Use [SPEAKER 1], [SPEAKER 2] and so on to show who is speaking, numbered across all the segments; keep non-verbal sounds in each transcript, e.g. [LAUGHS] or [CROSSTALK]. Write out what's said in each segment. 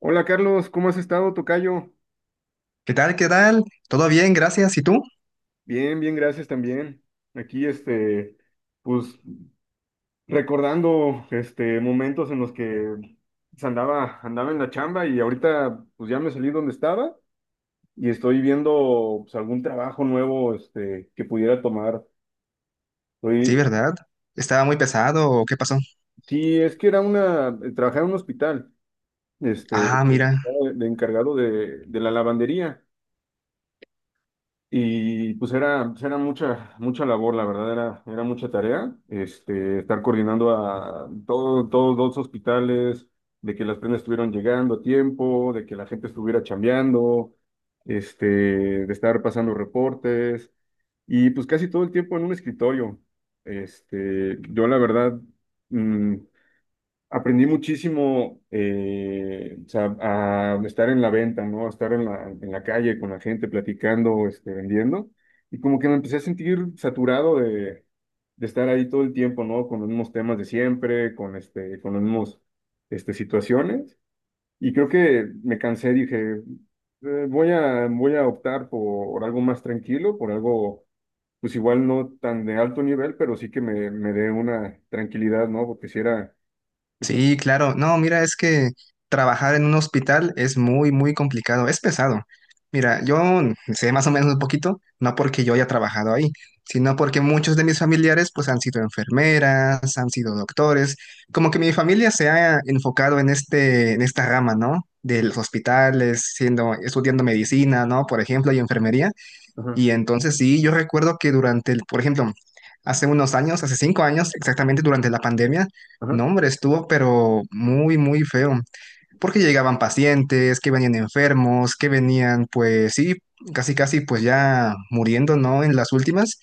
[SPEAKER 1] Hola Carlos, ¿cómo has estado, tocayo?
[SPEAKER 2] ¿Qué tal? ¿Qué tal? ¿Todo bien? Gracias. ¿Y tú?
[SPEAKER 1] Bien, bien, gracias también. Aquí, pues recordando, momentos en los que andaba en la chamba y ahorita, pues ya me salí donde estaba y estoy viendo, pues, algún trabajo nuevo, que pudiera tomar.
[SPEAKER 2] Sí,
[SPEAKER 1] Estoy,
[SPEAKER 2] ¿verdad? ¿Estaba muy pesado o qué pasó?
[SPEAKER 1] sí, es que trabajaba en un hospital.
[SPEAKER 2] Ah, mira.
[SPEAKER 1] Estaba de encargado de la lavandería. Y pues, era mucha, mucha labor, la verdad, era mucha tarea, estar coordinando a todos los hospitales, de que las prendas estuvieran llegando a tiempo, de que la gente estuviera chambeando, de estar pasando reportes, y pues casi todo el tiempo en un escritorio. Yo la verdad, mm, aprendí muchísimo, o sea, a estar en la venta, ¿no? A estar en la calle con la gente platicando, vendiendo. Y como que me empecé a sentir saturado de estar ahí todo el tiempo, ¿no? Con los mismos temas de siempre, con las mismas situaciones. Y creo que me cansé, dije, voy a optar por algo más tranquilo, por algo, pues igual no tan de alto nivel, pero sí que me dé una tranquilidad, ¿no? Porque si era. esta-
[SPEAKER 2] Sí, claro. No, mira, es que trabajar en un hospital es muy, muy complicado, es pesado. Mira, yo sé más o menos un poquito, no porque yo haya trabajado ahí, sino porque muchos de mis familiares pues han sido enfermeras, han sido doctores, como que mi familia se ha enfocado en este, en esta rama, ¿no? De los hospitales, siendo, estudiando medicina, ¿no? Por ejemplo, y enfermería.
[SPEAKER 1] Ajá.
[SPEAKER 2] Y entonces sí, yo recuerdo que durante por ejemplo, hace unos años, hace 5 años, exactamente durante la pandemia,
[SPEAKER 1] Ajá.
[SPEAKER 2] no, hombre, estuvo pero muy, muy feo, porque llegaban pacientes, que venían enfermos, que venían, pues sí, casi, casi, pues ya muriendo, ¿no? En las últimas,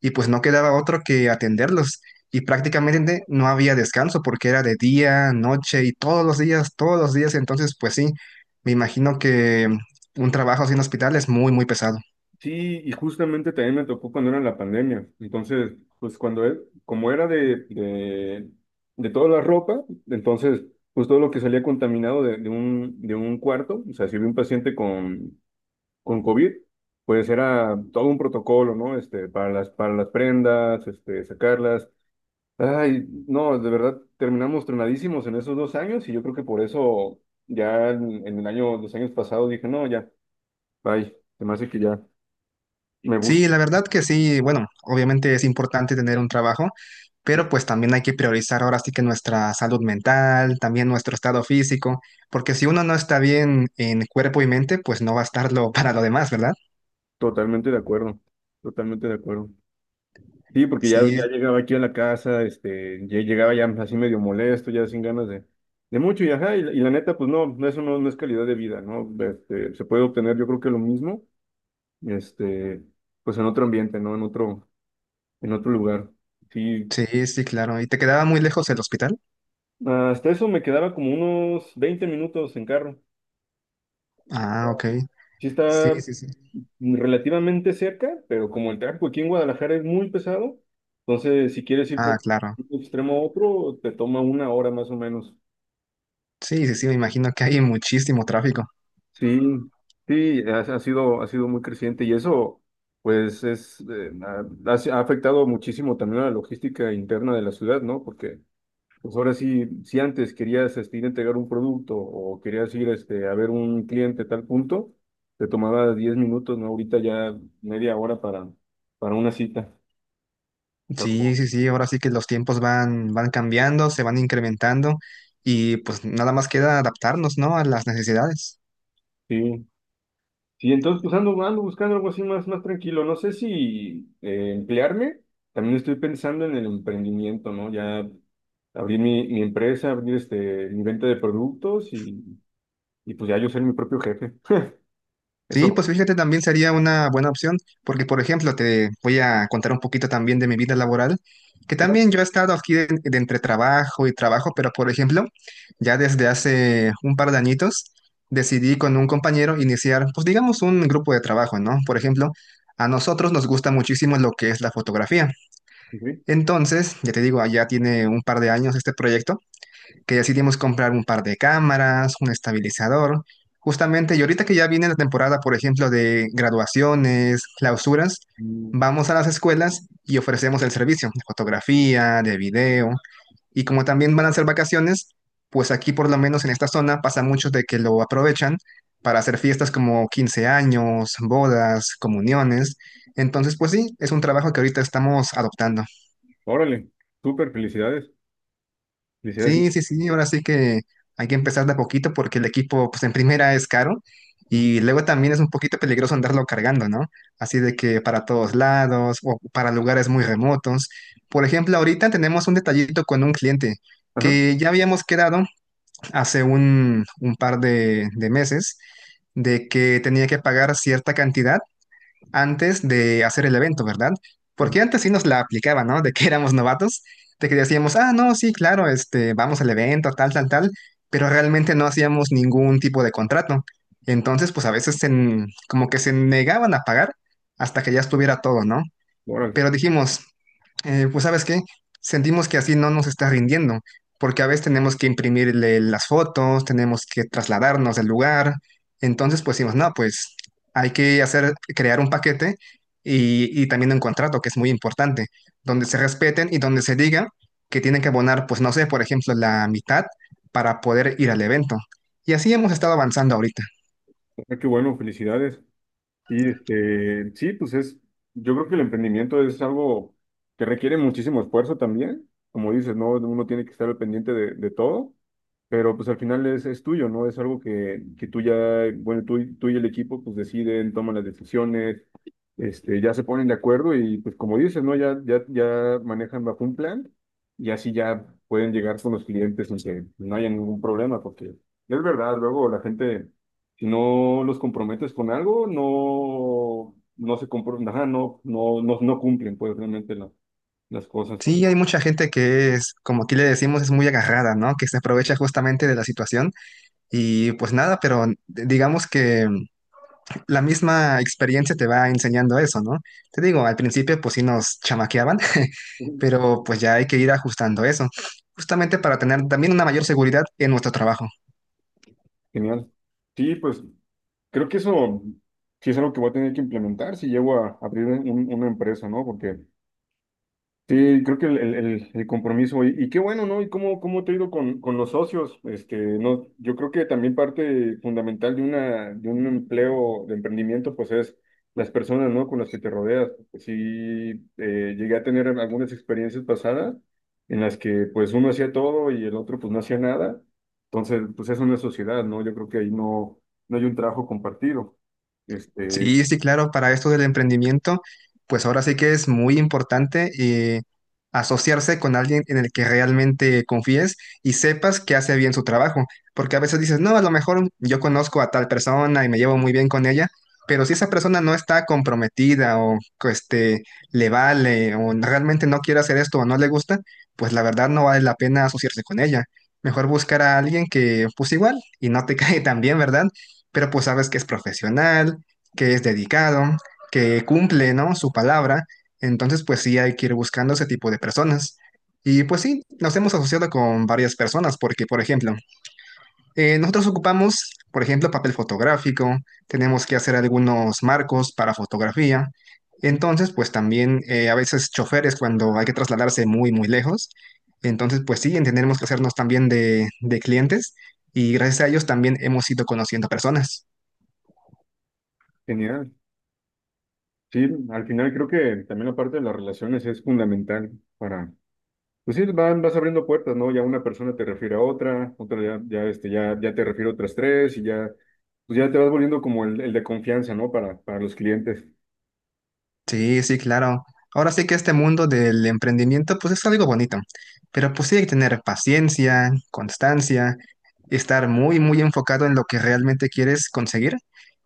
[SPEAKER 2] y pues no quedaba otro que atenderlos. Y prácticamente no había descanso porque era de día, noche y todos los días, todos los días. Entonces, pues sí, me imagino que un trabajo así en hospital es muy, muy pesado.
[SPEAKER 1] Sí, y justamente también me tocó cuando era la pandemia. Entonces, pues como era de toda la ropa, entonces, pues todo lo que salía contaminado de un cuarto, o sea, si había un paciente con, COVID, pues era todo un protocolo, ¿no? Para las prendas, sacarlas. Ay, no, de verdad, terminamos tronadísimos en esos 2 años y yo creo que por eso ya los años pasados dije, no, ya, bye, se me hace que ya me gusta.
[SPEAKER 2] Sí, la verdad que sí, bueno, obviamente es importante tener un trabajo, pero pues también hay que priorizar ahora sí que nuestra salud mental, también nuestro estado físico, porque si uno no está bien en cuerpo y mente, pues no va a estarlo [LAUGHS] para lo demás, ¿verdad?
[SPEAKER 1] Totalmente de acuerdo, totalmente de acuerdo. Sí, porque ya,
[SPEAKER 2] Sí,
[SPEAKER 1] ya llegaba aquí a la casa, ya llegaba ya así medio molesto, ya sin ganas de mucho, y ajá, y la neta, pues no, no, eso no, no es calidad de vida, ¿no? Se puede obtener, yo creo que lo mismo, este, pues en otro ambiente, ¿no? En otro lugar. Sí,
[SPEAKER 2] sí, sí, claro. ¿Y te quedaba muy lejos el hospital?
[SPEAKER 1] hasta eso me quedaba como unos 20 minutos en carro.
[SPEAKER 2] Ah, ok.
[SPEAKER 1] Sí
[SPEAKER 2] Sí,
[SPEAKER 1] está
[SPEAKER 2] sí, sí.
[SPEAKER 1] relativamente cerca, pero como el tráfico aquí en Guadalajara es muy pesado, entonces si quieres ir
[SPEAKER 2] Ah,
[SPEAKER 1] por
[SPEAKER 2] claro.
[SPEAKER 1] un extremo a otro, te toma una hora más o menos.
[SPEAKER 2] Sí, sí, sí, me imagino que hay muchísimo tráfico.
[SPEAKER 1] Sí, sí, ha sido muy creciente y eso, pues, es, ha afectado muchísimo también a la logística interna de la ciudad, ¿no? Porque pues ahora sí, si antes querías ir a entregar un producto o querías ir a ver un cliente tal punto, te tomaba 10 minutos, ¿no? Ahorita ya media hora para una cita. Está
[SPEAKER 2] Sí,
[SPEAKER 1] como,
[SPEAKER 2] sí, sí, ahora sí que los tiempos van cambiando, se van incrementando y pues nada más queda adaptarnos, ¿no? A las necesidades.
[SPEAKER 1] sí. Sí, entonces pues ando buscando algo así más tranquilo. No sé si emplearme, también estoy pensando en el emprendimiento, ¿no? Ya abrir mi empresa, abrir mi venta de productos y pues ya yo ser mi propio jefe.
[SPEAKER 2] Sí, pues
[SPEAKER 1] Eso,
[SPEAKER 2] fíjate, también sería una buena opción, porque por ejemplo, te voy a contar un poquito también de mi vida laboral, que
[SPEAKER 1] claro.
[SPEAKER 2] también yo he estado aquí de entre trabajo y trabajo, pero por ejemplo, ya desde hace un par de añitos decidí con un compañero iniciar, pues digamos, un grupo de trabajo, ¿no? Por ejemplo, a nosotros nos gusta muchísimo lo que es la fotografía.
[SPEAKER 1] Sí.
[SPEAKER 2] Entonces, ya te digo, ya tiene un par de años este proyecto, que decidimos comprar un par de cámaras, un estabilizador, justamente, y ahorita que ya viene la temporada, por ejemplo, de graduaciones, clausuras,
[SPEAKER 1] Mm.
[SPEAKER 2] vamos a las escuelas y ofrecemos el servicio de fotografía, de video, y como también van a ser vacaciones, pues aquí por lo menos en esta zona pasa mucho de que lo aprovechan para hacer fiestas como 15 años, bodas, comuniones. Entonces, pues sí, es un trabajo que ahorita estamos adoptando.
[SPEAKER 1] Órale, súper felicidades. Felicidades.
[SPEAKER 2] Sí, sí, sí, ahora sí que hay que empezar de a poquito porque el equipo, pues en primera es caro
[SPEAKER 1] Ujú.
[SPEAKER 2] y luego también es un poquito peligroso andarlo cargando, ¿no? Así de que para todos lados o para lugares muy remotos. Por ejemplo, ahorita tenemos un detallito con un cliente
[SPEAKER 1] Ajá.
[SPEAKER 2] que ya habíamos quedado hace un par de meses de que tenía que pagar cierta cantidad antes de hacer el evento, ¿verdad?
[SPEAKER 1] Ajá.
[SPEAKER 2] Porque antes sí nos la aplicaban, ¿no? De que [LAUGHS] éramos novatos, de que decíamos, ah, no, sí, claro, este, vamos al evento, tal, tal, tal, pero realmente no hacíamos ningún tipo de contrato. Entonces, pues a veces como que se negaban a pagar hasta que ya estuviera todo, ¿no?
[SPEAKER 1] Órale.
[SPEAKER 2] Pero dijimos, pues sabes qué, sentimos que así no nos está rindiendo, porque a veces tenemos que imprimirle las fotos, tenemos que trasladarnos del lugar, entonces pues decimos, no, pues hay que hacer, crear un paquete y también un contrato, que es muy importante, donde se respeten y donde se diga que tienen que abonar, pues no sé, por ejemplo, la mitad para poder ir al evento. Y así hemos estado avanzando ahorita.
[SPEAKER 1] Ah, qué bueno, felicidades. Sí, sí, pues es, yo creo que el emprendimiento es algo que requiere muchísimo esfuerzo también, como dices, ¿no? Uno tiene que estar al pendiente de todo, pero pues al final es tuyo, ¿no? Es algo que tú ya, bueno, tú, tú y el equipo pues deciden, toman las decisiones, ya se ponen de acuerdo y pues como dices, ¿no? Ya manejan bajo un plan y así ya pueden llegar con los clientes sin que no haya ningún problema, porque es verdad, luego la gente si no los comprometes con algo, ajá, no, no, no, no cumplen pues realmente las cosas.
[SPEAKER 2] Sí, hay mucha gente que es, como aquí le decimos, es muy agarrada, ¿no? Que se aprovecha justamente de la situación. Y pues nada, pero digamos que la misma experiencia te va enseñando eso, ¿no? Te digo, al principio pues sí nos chamaqueaban, [LAUGHS]
[SPEAKER 1] Ujú.
[SPEAKER 2] pero pues ya hay que ir ajustando eso, justamente para tener también una mayor seguridad en nuestro trabajo.
[SPEAKER 1] Genial. Sí, pues creo que eso sí es algo que voy a tener que implementar si llego a abrir una empresa, ¿no? Porque sí, creo que el, el compromiso, y qué bueno, ¿no? ¿Y cómo te ha ido con, los socios? Este, no, yo creo que también parte fundamental de una, de un empleo, de emprendimiento, pues es las personas, ¿no? Con las que te rodeas. Sí, llegué a tener algunas experiencias pasadas en las que pues uno hacía todo y el otro pues no hacía nada. Entonces, pues es una sociedad, ¿no? Yo creo que ahí no, no hay un trabajo compartido. Este,
[SPEAKER 2] Sí, sí, claro, para esto del emprendimiento, pues ahora sí que es muy importante eh, asociarse con alguien en el que realmente confíes y sepas que hace bien su trabajo, porque a veces dices, no, a lo mejor yo conozco a tal persona y me llevo muy bien con ella, pero si esa persona no está comprometida o que, este, le vale o realmente no quiere hacer esto o no le gusta, pues la verdad no vale la pena asociarse con ella. Mejor buscar a alguien que pues igual y no te [LAUGHS] cae tan bien, ¿verdad? Pero pues sabes que es profesional, que es dedicado, que cumple, ¿no? Su palabra. Entonces, pues sí, hay que ir buscando ese tipo de personas. Y pues sí, nos hemos asociado con varias personas porque, por ejemplo, nosotros ocupamos, por ejemplo, papel fotográfico, tenemos que hacer algunos marcos para fotografía.
[SPEAKER 1] Ujú.
[SPEAKER 2] Entonces, pues también a veces choferes cuando hay que trasladarse muy, muy lejos. Entonces, pues sí, tenemos que hacernos también de clientes y gracias a ellos también hemos ido conociendo personas.
[SPEAKER 1] Genial. Sí, al final creo que también la parte de las relaciones es fundamental para, pues sí, van, vas abriendo puertas, ¿no? Ya una persona te refiere a otra, otra ya te refiere a otras tres y ya, pues ya te vas volviendo como el de confianza, ¿no? Para los clientes.
[SPEAKER 2] Sí, sí, claro. Ahora sí que este mundo del emprendimiento, pues es algo bonito, pero pues sí hay que tener paciencia, constancia, estar muy, muy enfocado en lo que realmente quieres conseguir.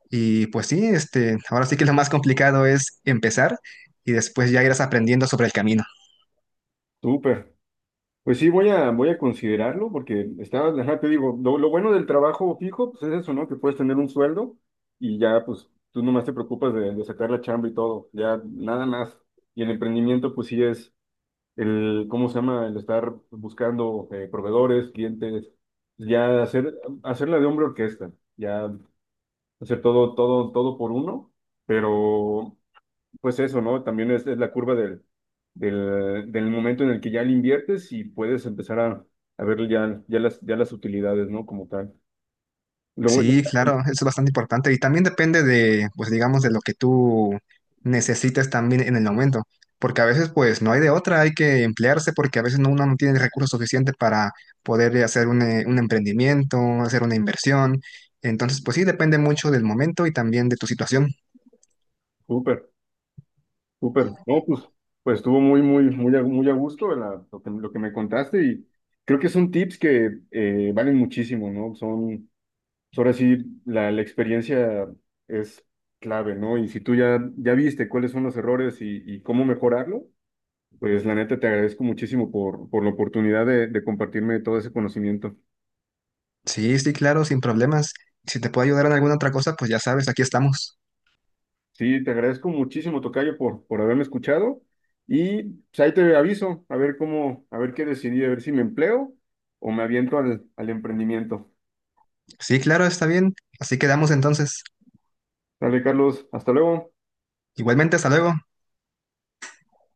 [SPEAKER 2] Y pues sí, este, ahora sí que lo más complicado es empezar y después ya irás aprendiendo sobre el camino.
[SPEAKER 1] Súper. Pues sí, voy a considerarlo porque estaba, ajá, te digo, lo bueno del trabajo fijo, pues es eso, ¿no? Que puedes tener un sueldo y ya, pues tú nomás te preocupas de sacar la chamba y todo, ya nada más. Y el emprendimiento, pues sí es. El, ¿cómo se llama? El estar buscando proveedores, clientes, ya hacer, hacerla de hombre orquesta, ya hacer todo, todo, todo por uno, pero pues eso, ¿no? También es la curva del, del, del momento en el que ya le inviertes y puedes empezar a ver ya, ya las utilidades, ¿no? Como tal. Lo bueno,
[SPEAKER 2] Sí, claro, eso es bastante importante y también depende de, pues digamos, de lo que tú necesites también en el momento, porque a veces pues no hay de otra, hay que emplearse porque a veces no- uno no tiene recursos suficientes para poder hacer un emprendimiento, hacer una inversión, entonces pues sí, depende mucho del momento y también de tu situación.
[SPEAKER 1] [LAUGHS] súper. Súper, no, pues, pues estuvo muy, muy, muy, muy a gusto lo que me contaste y creo que son tips que valen muchísimo, ¿no? Son, pues, ahora sí, la experiencia es clave, ¿no? Y si tú ya viste cuáles son los errores y cómo mejorarlo, pues la neta te agradezco muchísimo por la oportunidad de compartirme todo ese conocimiento.
[SPEAKER 2] Sí, sí, claro, sin problemas. Si te puedo ayudar en alguna otra cosa, pues ya sabes, aquí estamos.
[SPEAKER 1] Sí, te agradezco muchísimo, tocayo, por haberme escuchado. Y pues, ahí te aviso, a ver cómo, a ver qué decidí, a ver si me empleo o me aviento al, al emprendimiento.
[SPEAKER 2] Sí, claro, está bien, así quedamos entonces.
[SPEAKER 1] Dale, Carlos, hasta luego.
[SPEAKER 2] Igualmente, hasta luego.